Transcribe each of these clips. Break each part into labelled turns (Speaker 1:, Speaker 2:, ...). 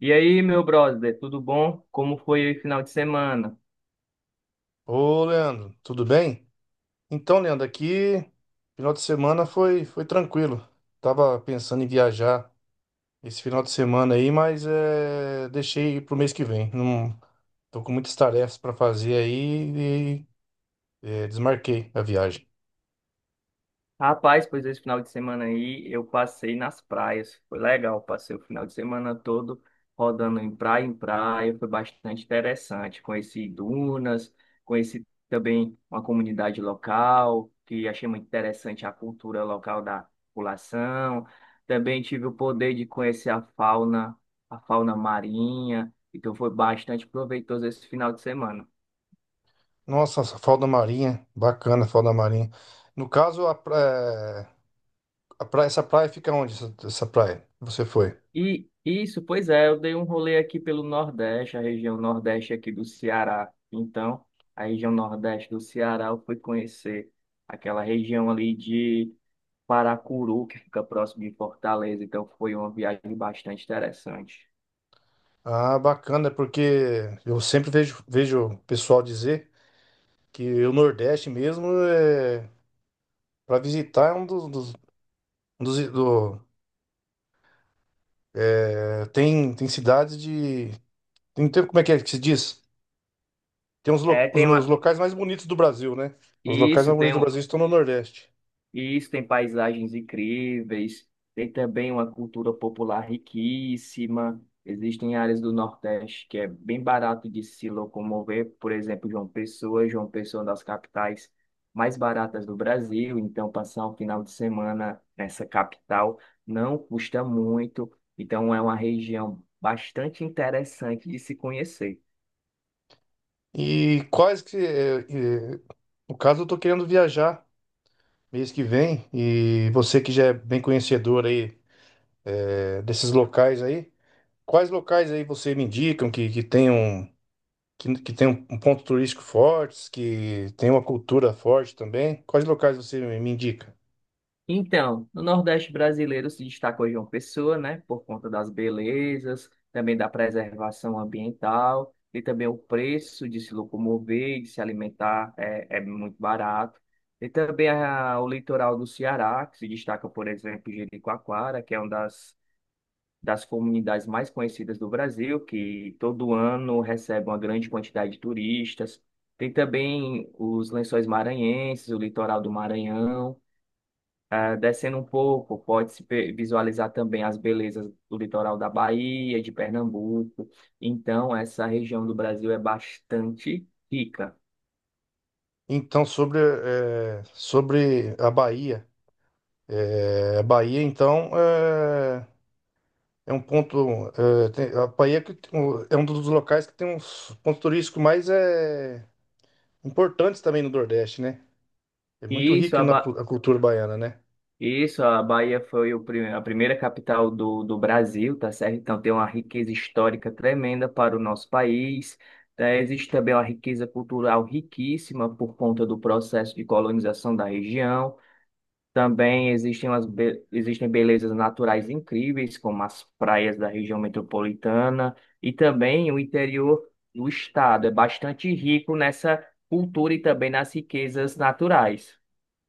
Speaker 1: E aí, meu brother, tudo bom? Como foi o final de semana?
Speaker 2: Ô, Leandro, tudo bem? Então, Leandro, aqui final de semana foi tranquilo. Tava pensando em viajar esse final de semana aí, deixei pro mês que vem. Não, tô com muitas tarefas para fazer aí desmarquei a viagem.
Speaker 1: Rapaz, pois esse final de semana aí eu passei nas praias. Foi legal, passei o final de semana todo rodando em praia em praia. Foi bastante interessante. Conheci dunas, conheci também uma comunidade local, que achei muito interessante a cultura local da população. Também tive o poder de conhecer a fauna marinha. Então foi bastante proveitoso esse final de semana.
Speaker 2: Nossa, essa Foz da Marinha, bacana, a Foz da Marinha. No caso, essa praia fica onde? Essa praia? Você foi?
Speaker 1: E isso, pois é, eu dei um rolê aqui pelo Nordeste, a região Nordeste aqui do Ceará. Então, a região Nordeste do Ceará, eu fui conhecer aquela região ali de Paracuru, que fica próximo de Fortaleza. Então, foi uma viagem bastante interessante.
Speaker 2: Ah, bacana, porque eu sempre vejo o pessoal dizer que o Nordeste mesmo é para visitar é um dos- do, tem cidades de como é que se diz? Tem
Speaker 1: É, tem
Speaker 2: os
Speaker 1: uma...
Speaker 2: locais mais bonitos do Brasil, né? Os locais
Speaker 1: Isso,
Speaker 2: mais bonitos
Speaker 1: tem
Speaker 2: do
Speaker 1: um...
Speaker 2: Brasil estão no Nordeste.
Speaker 1: E isso tem paisagens incríveis, tem também uma cultura popular riquíssima. Existem áreas do Nordeste que é bem barato de se locomover, por exemplo, João Pessoa. João Pessoa é uma das capitais mais baratas do Brasil, então passar um final de semana nessa capital não custa muito. Então é uma região bastante interessante de se conhecer.
Speaker 2: E quais que é, é, no caso eu tô querendo viajar mês que vem e você que já é bem conhecedor desses locais aí, quais locais aí você me indicam que tenham que tem um ponto turístico forte, que tem uma cultura forte também. Quais locais você me indica?
Speaker 1: Então, no Nordeste brasileiro se destacou João Pessoa, né, por conta das belezas, também da preservação ambiental e também o preço de se locomover, de se alimentar é muito barato. E também o litoral do Ceará, que se destaca, por exemplo, Jericoacoara, que é uma das comunidades mais conhecidas do Brasil, que todo ano recebe uma grande quantidade de turistas. Tem também os Lençóis Maranhenses, o litoral do Maranhão. Ah, descendo um pouco, visualizar também as belezas do litoral da Bahia, de Pernambuco. Então, essa região do Brasil é bastante rica.
Speaker 2: Então, sobre a Bahia. Eh, a Bahia, então, eh, é, um ponto. Eh, tem- a Bahia é um dos locais que tem uns pontos turísticos mais importantes também no Nordeste, né? É muito
Speaker 1: E Isso,
Speaker 2: rico
Speaker 1: a
Speaker 2: na cu-
Speaker 1: Ba-
Speaker 2: a cultura baiana, né?
Speaker 1: Isso, a Bahia foi o a primeira capital do Brasil, tá certo? Então tem uma riqueza histórica tremenda para o nosso país. Tá? Existe também uma riqueza cultural riquíssima por conta do processo de colonização da região. Também existem, existem belezas naturais incríveis, como as praias da região metropolitana, e também o interior do estado é bastante rico nessa cultura e também nas riquezas naturais.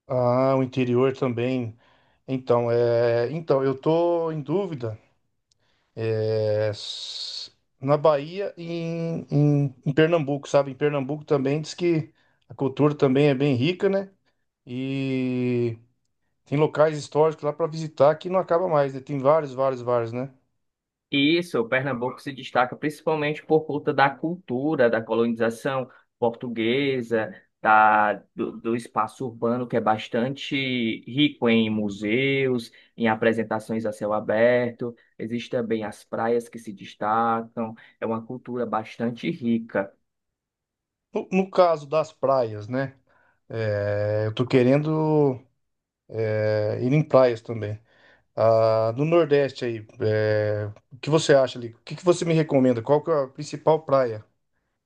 Speaker 2: Ah, o interior também. Então eu tô em dúvida. É, s- Na Bahia e em Pernambuco, sabe? Em Pernambuco também diz que a cultura também é bem rica, né? E tem locais históricos lá para visitar que não acaba mais, né? Tem vários, né?
Speaker 1: Isso, o Pernambuco se destaca principalmente por conta da cultura, da colonização portuguesa, do espaço urbano que é bastante rico em museus, em apresentações a céu aberto. Existem também as praias que se destacam, é uma cultura bastante rica.
Speaker 2: No caso das praias, né? É, eu tô querendo ir em praias também. Ah, no Nordeste, o que você acha ali? O que que você me recomenda? Qual que é a principal praia?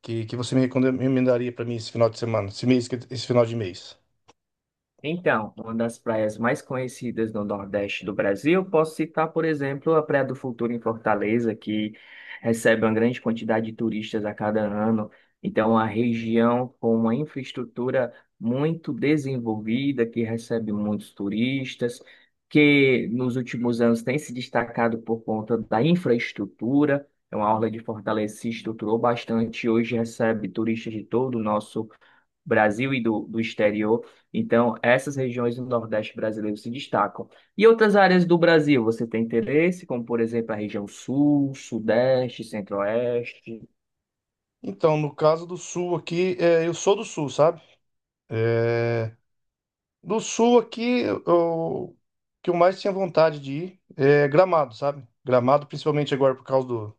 Speaker 2: Que você me recomendaria para mim esse final de semana, esse mês, esse final de mês?
Speaker 1: Então, uma das praias mais conhecidas no Nordeste do Brasil, posso citar, por exemplo, a Praia do Futuro em Fortaleza, que recebe uma grande quantidade de turistas a cada ano. Então, é uma região com uma infraestrutura muito desenvolvida, que recebe muitos turistas, que nos últimos anos tem se destacado por conta da infraestrutura. Então, a Orla de Fortaleza se estruturou bastante, e hoje recebe turistas de todo o nosso Brasil e do exterior. Então, essas regiões do Nordeste brasileiro se destacam. E outras áreas do Brasil, você tem interesse, como, por exemplo, a região Sul, Sudeste, Centro-Oeste?
Speaker 2: Então, no caso do Sul aqui, é, eu sou do Sul, sabe? É, do Sul aqui, o que eu mais tinha vontade de ir é Gramado, sabe? Gramado, principalmente agora por causa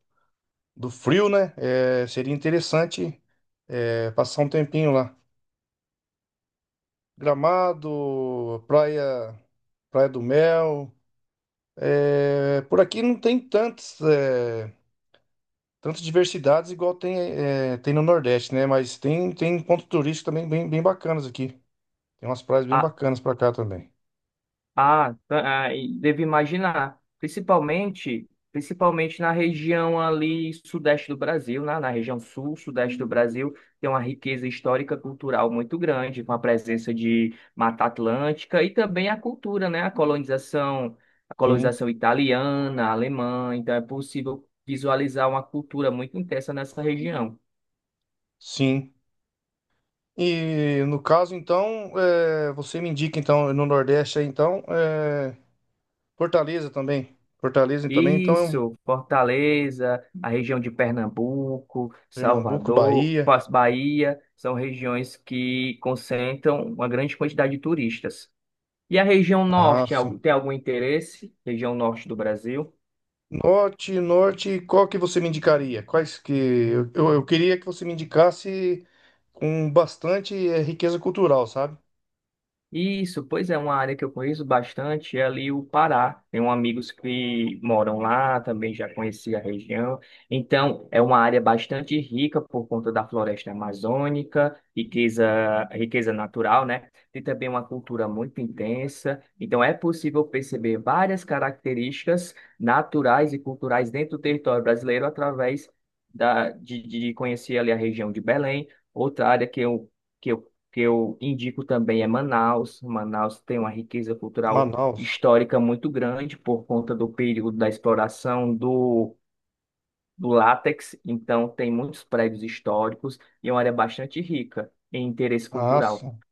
Speaker 2: do frio, né? Seria interessante passar um tempinho lá. Gramado, Praia do Mel. É, por aqui não tem tantos. É, tantas diversidades igual tem, é, tem no Nordeste, né? Mas tem ponto turístico também bem bacanas aqui. Tem umas praias bem bacanas pra cá também.
Speaker 1: Ah, e devo imaginar, principalmente, principalmente na região ali sudeste do Brasil, né? Na região sul, sudeste do Brasil, tem uma riqueza histórica cultural muito grande, com a presença de Mata Atlântica e também a cultura, né? A
Speaker 2: Sim,
Speaker 1: colonização italiana, alemã, então é possível visualizar uma cultura muito intensa nessa região.
Speaker 2: sim. E no caso, então, é, você me indica, então, no Nordeste aí, então, é, Fortaleza também. Fortaleza também, então, é um
Speaker 1: Isso, Fortaleza, a região de Pernambuco,
Speaker 2: Pernambuco,
Speaker 1: Salvador,
Speaker 2: Bahia.
Speaker 1: Bahia, são regiões que concentram uma grande quantidade de turistas. E a região
Speaker 2: Ah,
Speaker 1: norte,
Speaker 2: sim.
Speaker 1: tem algum interesse? Região norte do Brasil?
Speaker 2: Norte, norte, qual que você me indicaria? Quais que... eu queria que você me indicasse com bastante, é, riqueza cultural, sabe?
Speaker 1: Isso, pois é, uma área que eu conheço bastante é ali o Pará. Tenho amigos que moram lá, também já conheci a região. Então, é uma área bastante rica por conta da floresta amazônica, riqueza natural, né? Tem também uma cultura muito intensa. Então, é possível perceber várias características naturais e culturais dentro do território brasileiro através de conhecer ali a região de Belém, outra área que eu que eu indico também é Manaus. Manaus tem uma riqueza cultural
Speaker 2: Manaus.
Speaker 1: histórica muito grande por conta do período da exploração do látex, então tem muitos prédios históricos e é uma área bastante rica em interesse
Speaker 2: Ah,
Speaker 1: cultural.
Speaker 2: sim.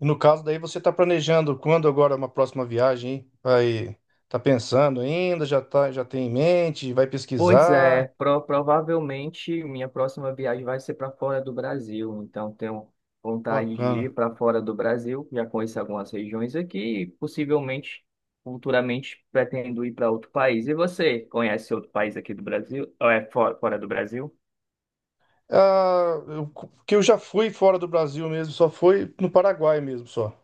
Speaker 2: E no caso daí você está planejando quando agora uma próxima viagem, hein? Vai, tá pensando ainda, já tá, já tem em mente, vai
Speaker 1: Pois
Speaker 2: pesquisar.
Speaker 1: é, provavelmente minha próxima viagem vai ser para fora do Brasil, então tenho vontade de
Speaker 2: Bacana.
Speaker 1: ir para fora do Brasil, já conheço algumas regiões aqui e possivelmente, futuramente, pretendo ir para outro país. E você, conhece outro país aqui do Brasil? Ou é fora, fora do Brasil?
Speaker 2: Ah, eu, que eu já fui fora do Brasil mesmo, só fui no Paraguai mesmo, só.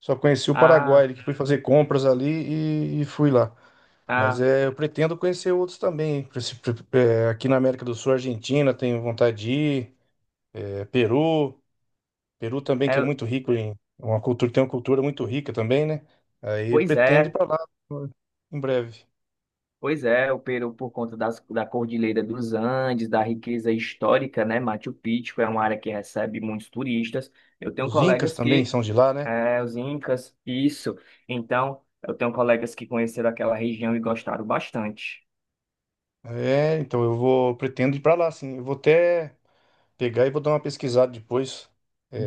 Speaker 2: Só conheci o
Speaker 1: Ah,
Speaker 2: Paraguai, que fui fazer compras ali e fui lá. Mas
Speaker 1: ah,
Speaker 2: é, eu pretendo conhecer outros também, hein? Aqui na América do Sul, Argentina, tenho vontade de ir, é, Peru. Peru também, que é
Speaker 1: é,
Speaker 2: muito rico em uma cultura, tem uma cultura muito rica também, né? Aí
Speaker 1: pois
Speaker 2: pretendo ir
Speaker 1: é,
Speaker 2: para lá em breve.
Speaker 1: Pois é, o Peru, por conta da Cordilheira dos Andes, da riqueza histórica, né? Machu Picchu é uma área que recebe muitos turistas. Eu tenho
Speaker 2: Os Incas
Speaker 1: colegas
Speaker 2: também
Speaker 1: que.
Speaker 2: são de lá, né?
Speaker 1: É, os Incas, isso. Então, eu tenho colegas que conheceram aquela região e gostaram bastante.
Speaker 2: É, então eu vou pretendo ir para lá, sim. Eu vou até pegar e vou dar uma pesquisada depois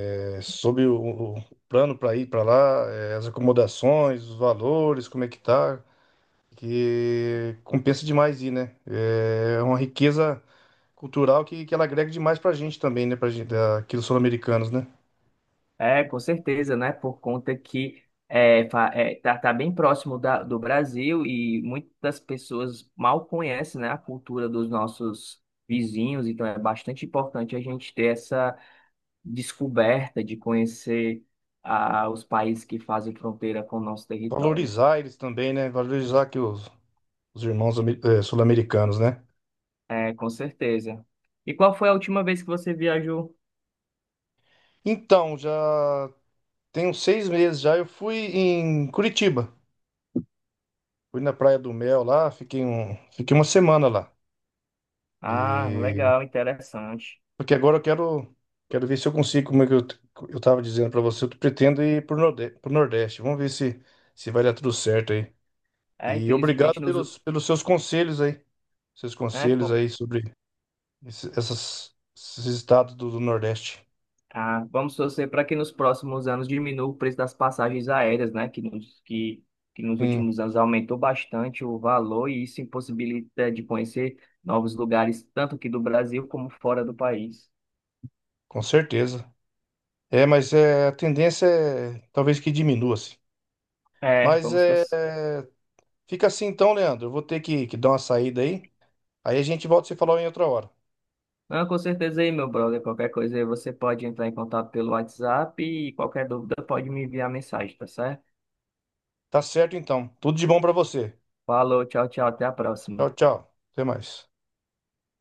Speaker 2: é, sobre o plano para ir para lá, é, as acomodações, os valores, como é que tá, que compensa demais ir, né? É uma riqueza cultural que ela agrega demais para a gente também, né? Para gente, aqui dos sul-americanos, né?
Speaker 1: É, com certeza, né? Por conta que tá, tá bem próximo do Brasil e muitas pessoas mal conhecem, né, a cultura dos nossos vizinhos, então é bastante importante a gente ter essa descoberta, de conhecer ah, os países que fazem fronteira com o nosso território.
Speaker 2: Valorizar eles também, né? Valorizar aqui os irmãos sul-americanos, né?
Speaker 1: É, com certeza. E qual foi a última vez que você viajou?
Speaker 2: Então, já tem uns 6 meses já, eu fui em Curitiba. Fui na Praia do Mel lá, fiquei uma semana lá.
Speaker 1: Ah,
Speaker 2: E...
Speaker 1: legal, interessante.
Speaker 2: Porque agora quero ver se eu consigo, como é que eu tava dizendo para você, eu pretendo ir pro pro Nordeste. Vamos ver se vai dar tudo certo aí.
Speaker 1: É,
Speaker 2: E obrigado
Speaker 1: infelizmente, nos...
Speaker 2: pelos seus conselhos aí. Seus
Speaker 1: é,
Speaker 2: conselhos
Speaker 1: com-
Speaker 2: aí sobre esses estados do Nordeste.
Speaker 1: ah, vamos torcer para que nos próximos anos diminua o preço das passagens aéreas, né? Que que nos
Speaker 2: Tem
Speaker 1: últimos anos aumentou bastante o valor e isso impossibilita de conhecer novos lugares, tanto aqui do Brasil como fora do país.
Speaker 2: com certeza. É, a tendência é talvez que diminua, assim.
Speaker 1: É,
Speaker 2: Mas
Speaker 1: vamos
Speaker 2: é,
Speaker 1: torcer.
Speaker 2: é, fica assim então, Leandro. Eu vou ter que dar uma saída aí. Aí a gente volta a se falar em outra hora.
Speaker 1: Não, com certeza aí, meu brother. Qualquer coisa aí você pode entrar em contato pelo WhatsApp e qualquer dúvida pode me enviar mensagem, tá certo?
Speaker 2: Tá certo então. Tudo de bom pra você.
Speaker 1: Falou, tchau, tchau, até a
Speaker 2: Tchau,
Speaker 1: próxima.
Speaker 2: tchau. Até mais.